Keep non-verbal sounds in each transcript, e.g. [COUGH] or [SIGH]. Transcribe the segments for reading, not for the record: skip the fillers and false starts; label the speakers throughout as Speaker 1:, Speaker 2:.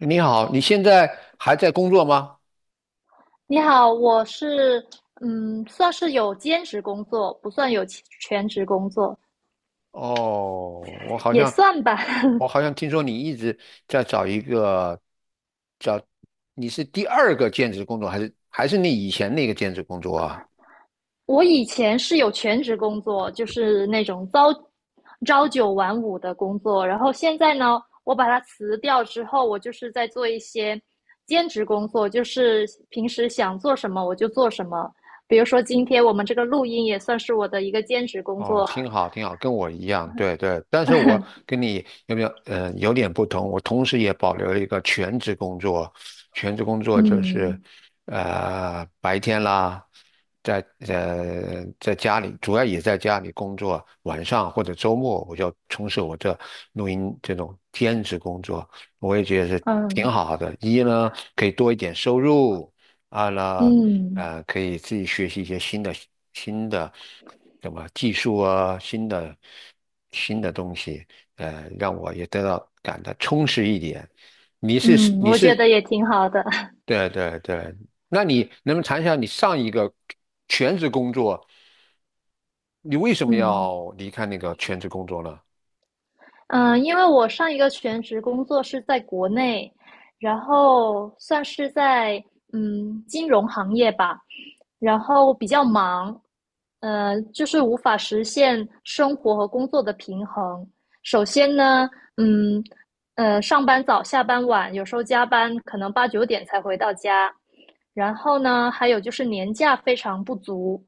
Speaker 1: 你好，你现在还在工作吗？
Speaker 2: 你好，我是算是有兼职工作，不算有其全职工作，
Speaker 1: 哦，我好
Speaker 2: 也
Speaker 1: 像，
Speaker 2: 算吧。[LAUGHS]
Speaker 1: 我好像听说你一直在找一个，找，你是第二个兼职工作，还是你以前那个兼职工作啊？
Speaker 2: 我以前是有全职工作，就是那种朝九晚五的工作，然后现在呢，我把它辞掉之后，我就是在做一些兼职工作，就是平时想做什么我就做什么。比如说今天我们这个录音也算是我的一个兼职工
Speaker 1: 哦，
Speaker 2: 作，
Speaker 1: 挺好，挺好，跟我一样，对对。但是我跟你有没有，嗯、有点不同。我同时也保留了一个全职工作，全职工
Speaker 2: [LAUGHS]
Speaker 1: 作就是，
Speaker 2: 嗯
Speaker 1: 白天啦，在在家里，主要也在家里工作，晚上或者周末我就从事我这录音这种兼职工作，我也觉得是挺
Speaker 2: 嗯
Speaker 1: 好的。一呢，可以多一点收入；二呢，
Speaker 2: 嗯
Speaker 1: 可以自己学习一些新的什么技术啊，新的东西，让我也感到充实一点。你是
Speaker 2: 嗯，
Speaker 1: 你
Speaker 2: 我觉
Speaker 1: 是
Speaker 2: 得也挺好的，
Speaker 1: 对对对，那你能不能谈一下你上一个全职工作，你为什
Speaker 2: [LAUGHS]
Speaker 1: 么
Speaker 2: 嗯。
Speaker 1: 要离开那个全职工作呢？
Speaker 2: 因为我上一个全职工作是在国内，然后算是在金融行业吧，然后比较忙，就是无法实现生活和工作的平衡。首先呢，嗯，上班早，下班晚，有时候加班可能八九点才回到家。然后呢，还有就是年假非常不足，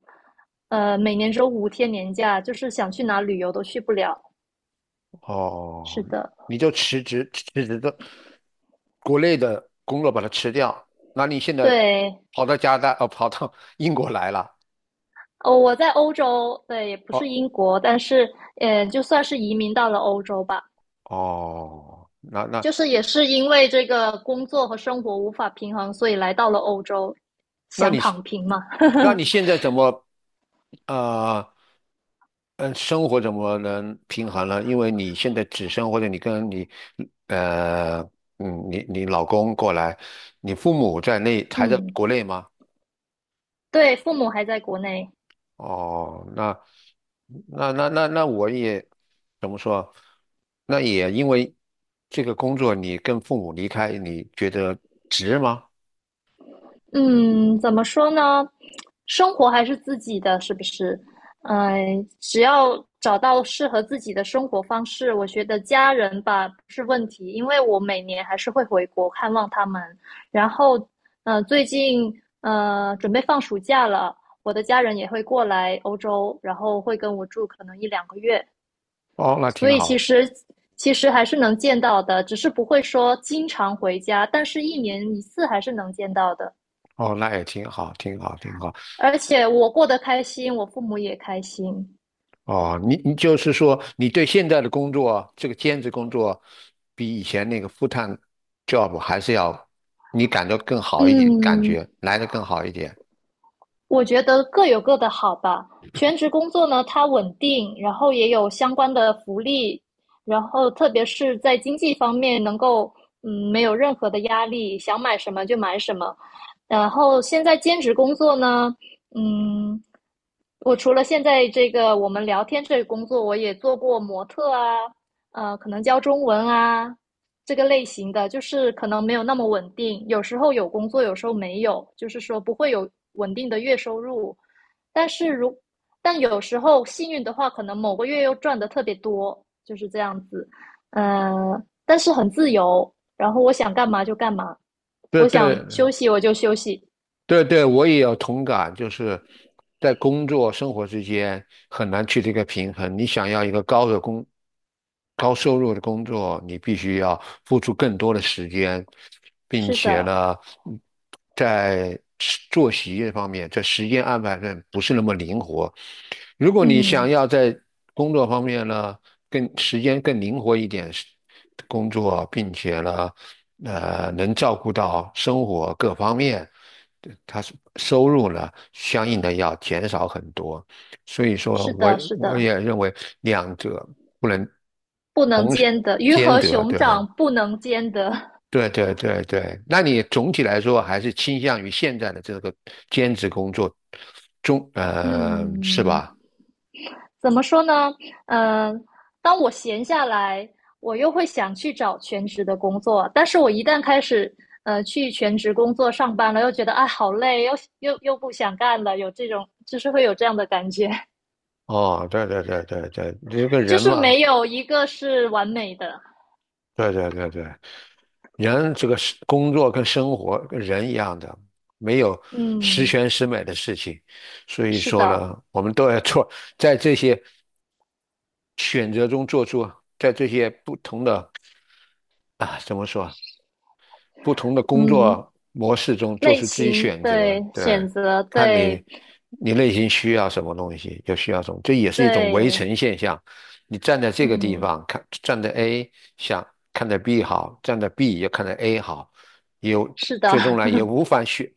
Speaker 2: 每年只有五天年假，就是想去哪旅游都去不了。是
Speaker 1: 哦，
Speaker 2: 的。
Speaker 1: 你就辞职的国内的工作把它辞掉，那你现在
Speaker 2: 对，
Speaker 1: 跑到加拿大，哦，跑到 [LAUGHS] 英国来了。
Speaker 2: 哦，我在欧洲，对，也不
Speaker 1: 哦。
Speaker 2: 是英国，但是，就算是移民到了欧洲吧，
Speaker 1: 哦，
Speaker 2: 就是也是因为这个工作和生活无法平衡，所以来到了欧洲，
Speaker 1: 那
Speaker 2: 想
Speaker 1: 你
Speaker 2: 躺平嘛。
Speaker 1: 那你
Speaker 2: [LAUGHS]
Speaker 1: 现在怎么啊？嗯，生活怎么能平衡呢？因为你现在或者你跟你呃嗯你你老公过来，你父母在内还在
Speaker 2: 嗯，
Speaker 1: 国内吗？
Speaker 2: 对，父母还在国内。
Speaker 1: 哦，那怎么说？那也因为这个工作，你跟父母离开，你觉得值吗？
Speaker 2: 嗯，怎么说呢？生活还是自己的，是不是？嗯、只要找到适合自己的生活方式，我觉得家人吧不是问题，因为我每年还是会回国看望他们。然后，最近准备放暑假了，我的家人也会过来欧洲，然后会跟我住可能一两个月，
Speaker 1: 哦，那
Speaker 2: 所
Speaker 1: 挺
Speaker 2: 以其
Speaker 1: 好。
Speaker 2: 实其实还是能见到的，只是不会说经常回家，但是一年一次还是能见到的。
Speaker 1: 哦，那也挺好，挺好，挺好。
Speaker 2: 而且我过得开心，我父母也开心。
Speaker 1: 哦，你就是说，你对现在的工作，这个兼职工作，比以前那个 f u job 还是要，你感
Speaker 2: 嗯，
Speaker 1: 觉来的更好一点。
Speaker 2: 我觉得各有各的好吧。全职工作呢，它稳定，然后也有相关的福利，然后特别是在经济方面能够没有任何的压力，想买什么就买什么。然后现在兼职工作呢，嗯，我除了现在这个我们聊天这个工作，我也做过模特啊，可能教中文啊，这个类型的，就是可能没有那么稳定，有时候有工作，有时候没有，就是说不会有稳定的月收入。但是如但有时候幸运的话，可能某个月又赚的特别多，就是这样子。但是很自由，然后我想干嘛就干嘛，
Speaker 1: 对
Speaker 2: 我想
Speaker 1: 对
Speaker 2: 休息我就休息。
Speaker 1: 对对，我也有同感，就是在工作生活之间很难去这个平衡。你想要一个高收入的工作，你必须要付出更多的时间，并
Speaker 2: 是
Speaker 1: 且
Speaker 2: 的，
Speaker 1: 呢，嗯作息这方面，在时间安排上不是那么灵活。如果你想
Speaker 2: 嗯，
Speaker 1: 要在工作方面呢，更时间更灵活一点是工作，并且呢，能照顾到生活各方面。对他是收入呢，相应的要减少很多，所以说
Speaker 2: 是
Speaker 1: 我
Speaker 2: 的，是
Speaker 1: 我
Speaker 2: 的，
Speaker 1: 也认为两者不能
Speaker 2: 不能
Speaker 1: 同时
Speaker 2: 兼得，鱼
Speaker 1: 兼
Speaker 2: 和
Speaker 1: 得，
Speaker 2: 熊
Speaker 1: 对。
Speaker 2: 掌不能兼得。[LAUGHS]
Speaker 1: 对对对对，那你总体来说还是倾向于现在的这个兼职工作中，是
Speaker 2: 嗯，
Speaker 1: 吧？
Speaker 2: 怎么说呢？嗯、呃当我闲下来，我又会想去找全职的工作，但是我一旦开始去全职工作上班了，又觉得哎好累，又不想干了，有这种就是会有这样的感觉，[LAUGHS]
Speaker 1: 哦，对对对对对，这个
Speaker 2: 就
Speaker 1: 人
Speaker 2: 是
Speaker 1: 嘛，
Speaker 2: 没有一个是完美的。
Speaker 1: 对对对对，人这个是工作跟生活跟人一样的，没有十
Speaker 2: 嗯，
Speaker 1: 全十美的事情，所以
Speaker 2: 是
Speaker 1: 说
Speaker 2: 的，
Speaker 1: 呢，我们都要做，在这些选择中做出，在这些不同的啊，怎么说，不同的工
Speaker 2: 嗯，
Speaker 1: 作模式中做
Speaker 2: 类
Speaker 1: 出自己
Speaker 2: 型
Speaker 1: 选择，
Speaker 2: 对，
Speaker 1: 对，
Speaker 2: 选择
Speaker 1: 看你
Speaker 2: 对
Speaker 1: 你内心需要什么东西，就需要什么，这也是一种围
Speaker 2: 对，
Speaker 1: 城现象。你站在这个地
Speaker 2: 嗯，
Speaker 1: 方看，站在 A 想看着 B 好，站在 B 又看着 A 好，有
Speaker 2: 是的，
Speaker 1: 最终呢也无法选，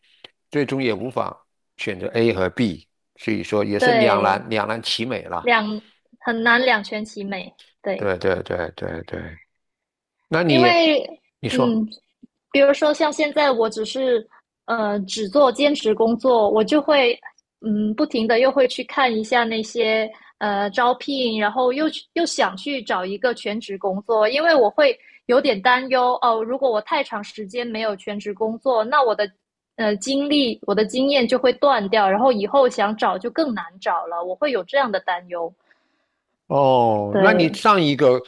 Speaker 1: 最终也无法选择 A 和 B，所以说也是两
Speaker 2: 对，
Speaker 1: 难两难其美了。
Speaker 2: 两很难两全其美，对。
Speaker 1: 对对对对对，那
Speaker 2: 因
Speaker 1: 你
Speaker 2: 为
Speaker 1: 你说。
Speaker 2: 嗯，比如说像现在我只是只做兼职工作，我就会不停的又会去看一下那些招聘，然后又想去找一个全职工作，因为我会有点担忧哦，如果我太长时间没有全职工作，那我的经历我的经验就会断掉，然后以后想找就更难找了，我会有这样的担忧。
Speaker 1: 哦，那你
Speaker 2: 对，
Speaker 1: 上一个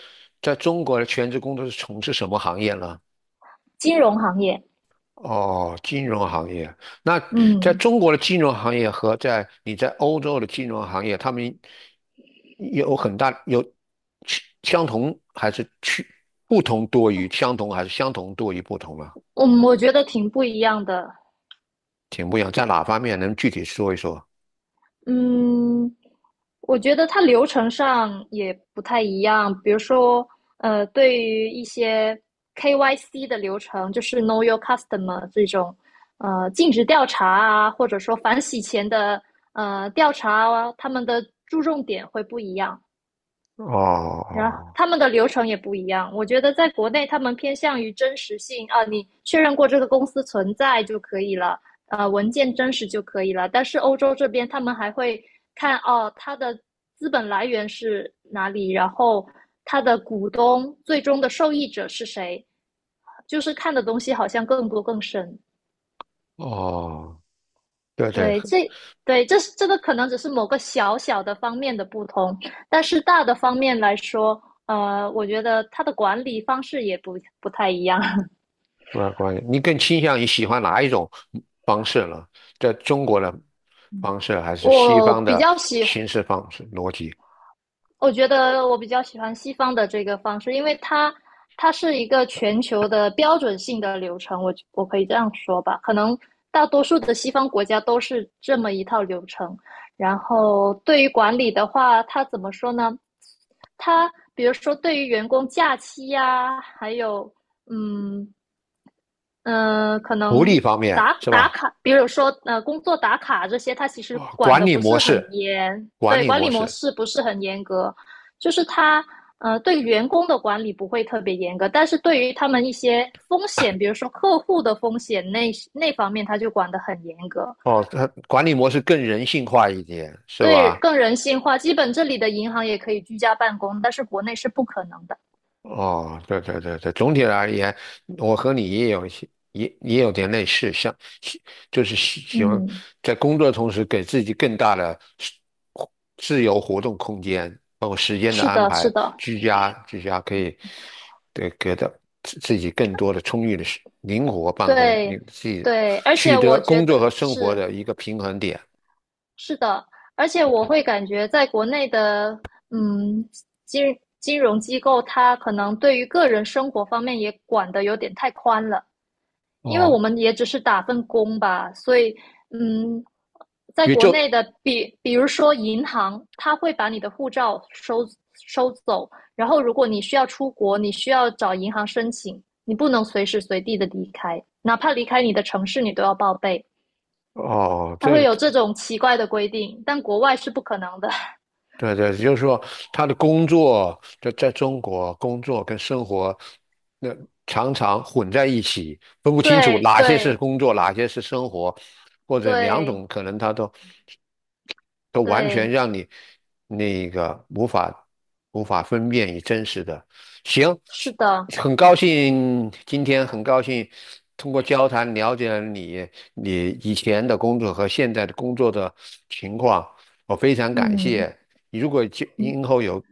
Speaker 1: 在中国的全职工作是从事什么行业呢？
Speaker 2: 金融行业，
Speaker 1: 哦，金融行业。那
Speaker 2: 嗯
Speaker 1: 在
Speaker 2: 嗯，
Speaker 1: 中国的金融行业和在你在欧洲的金融行业，他们有很大有区相同还是去不同多于相同还是相同多于不同呢？
Speaker 2: 我觉得挺不一样的。
Speaker 1: 挺不一样，在哪方面能具体说一说？
Speaker 2: 嗯，我觉得它流程上也不太一样。比如说，对于一些 KYC 的流程，就是 Know Your Customer 这种，尽职调查啊，或者说反洗钱的调查啊，他们的注重点会不一样。
Speaker 1: 哦
Speaker 2: 然后他们的流程也不一样，我觉得在国内他们偏向于真实性啊，你确认过这个公司存在就可以了，文件真实就可以了。但是欧洲这边他们还会看哦，它的资本来源是哪里，然后它的股东最终的受益者是谁，就是看的东西好像更多更深。
Speaker 1: 哦哦，对对，
Speaker 2: 对，这对这是这个可能只是某个小小的方面的不同，但是大的方面来说，我觉得它的管理方式也不太一样。[LAUGHS]
Speaker 1: 那关系，你更倾向于喜欢哪一种方式呢？在中国的方式，还是西
Speaker 2: 我
Speaker 1: 方
Speaker 2: 比
Speaker 1: 的
Speaker 2: 较喜
Speaker 1: 形式方式逻辑？
Speaker 2: 我觉得我比较喜欢西方的这个方式，因为它是一个全球的标准性的流程，我可以这样说吧，可能大多数的西方国家都是这么一套流程。然后对于管理的话，它怎么说呢？它比如说对于员工假期呀、啊还有嗯可
Speaker 1: 福利
Speaker 2: 能
Speaker 1: 方面
Speaker 2: 打
Speaker 1: 是
Speaker 2: 打
Speaker 1: 吧？
Speaker 2: 卡，比如说工作打卡这些，它其实
Speaker 1: 啊，
Speaker 2: 管
Speaker 1: 管
Speaker 2: 的
Speaker 1: 理
Speaker 2: 不
Speaker 1: 模
Speaker 2: 是很
Speaker 1: 式，
Speaker 2: 严，
Speaker 1: 管
Speaker 2: 对，
Speaker 1: 理
Speaker 2: 管理
Speaker 1: 模
Speaker 2: 模
Speaker 1: 式，
Speaker 2: 式不是很严格，就是它对员工的管理不会特别严格，但是对于他们一些风险，比如说客户的风险那方面，它就管得很严格，
Speaker 1: 哦，它管理模式更人性化一点，是
Speaker 2: 对，
Speaker 1: 吧？
Speaker 2: 更人性化。基本这里的银行也可以居家办公，但是国内是不可能的。
Speaker 1: 哦，对对对对，总体而言，我和你也有一些，也有点类似，像喜就是喜欢
Speaker 2: 嗯，
Speaker 1: 在工作的同时给自己更大的是自由活动空间，包括时间的
Speaker 2: 是
Speaker 1: 安
Speaker 2: 的，是
Speaker 1: 排，
Speaker 2: 的，
Speaker 1: 居家可以对给到自己更多的充裕的灵活办公，你
Speaker 2: 对
Speaker 1: 自己
Speaker 2: 对，而
Speaker 1: 取
Speaker 2: 且
Speaker 1: 得
Speaker 2: 我觉
Speaker 1: 工作和
Speaker 2: 得
Speaker 1: 生活
Speaker 2: 是。
Speaker 1: 的一个平衡点。
Speaker 2: 是的，而且我会感觉在国内的，嗯，金融机构，它可能对于个人生活方面也管得有点太宽了，因为
Speaker 1: 哦，
Speaker 2: 我们也只是打份工吧，所以，嗯，在
Speaker 1: 也
Speaker 2: 国
Speaker 1: 就
Speaker 2: 内的，比如说银行，它会把你的护照收走，然后如果你需要出国，你需要找银行申请，你不能随时随地的离开，哪怕离开你的城市，你都要报备。
Speaker 1: 哦，
Speaker 2: 它会
Speaker 1: 这
Speaker 2: 有这种奇怪的规定，但国外是不可能的。[LAUGHS]
Speaker 1: 对对，就是说他的工作在中国工作跟生活，那常常混在一起，分不清楚
Speaker 2: 对
Speaker 1: 哪些是
Speaker 2: 对
Speaker 1: 工作，哪些是生活，或者两
Speaker 2: 对
Speaker 1: 种可能他都完全
Speaker 2: 对，
Speaker 1: 让你那个无法分辨与真实的。行，
Speaker 2: 是的，
Speaker 1: 很高兴通过交谈了解了你以前的工作和现在的工作的情况，我非常感
Speaker 2: 嗯
Speaker 1: 谢。如果今后有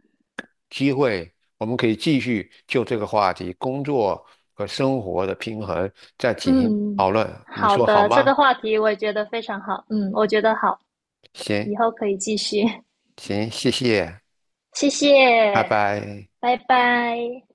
Speaker 1: 机会，我们可以继续就这个话题，工作和生活的平衡再进行讨
Speaker 2: 嗯，
Speaker 1: 论，你
Speaker 2: 好
Speaker 1: 说好
Speaker 2: 的，这个
Speaker 1: 吗？
Speaker 2: 话题我也觉得非常好，嗯，我觉得好，
Speaker 1: 行
Speaker 2: 以后可以继续，
Speaker 1: 行，谢谢，
Speaker 2: [LAUGHS] 谢谢，
Speaker 1: 拜拜。
Speaker 2: 拜拜。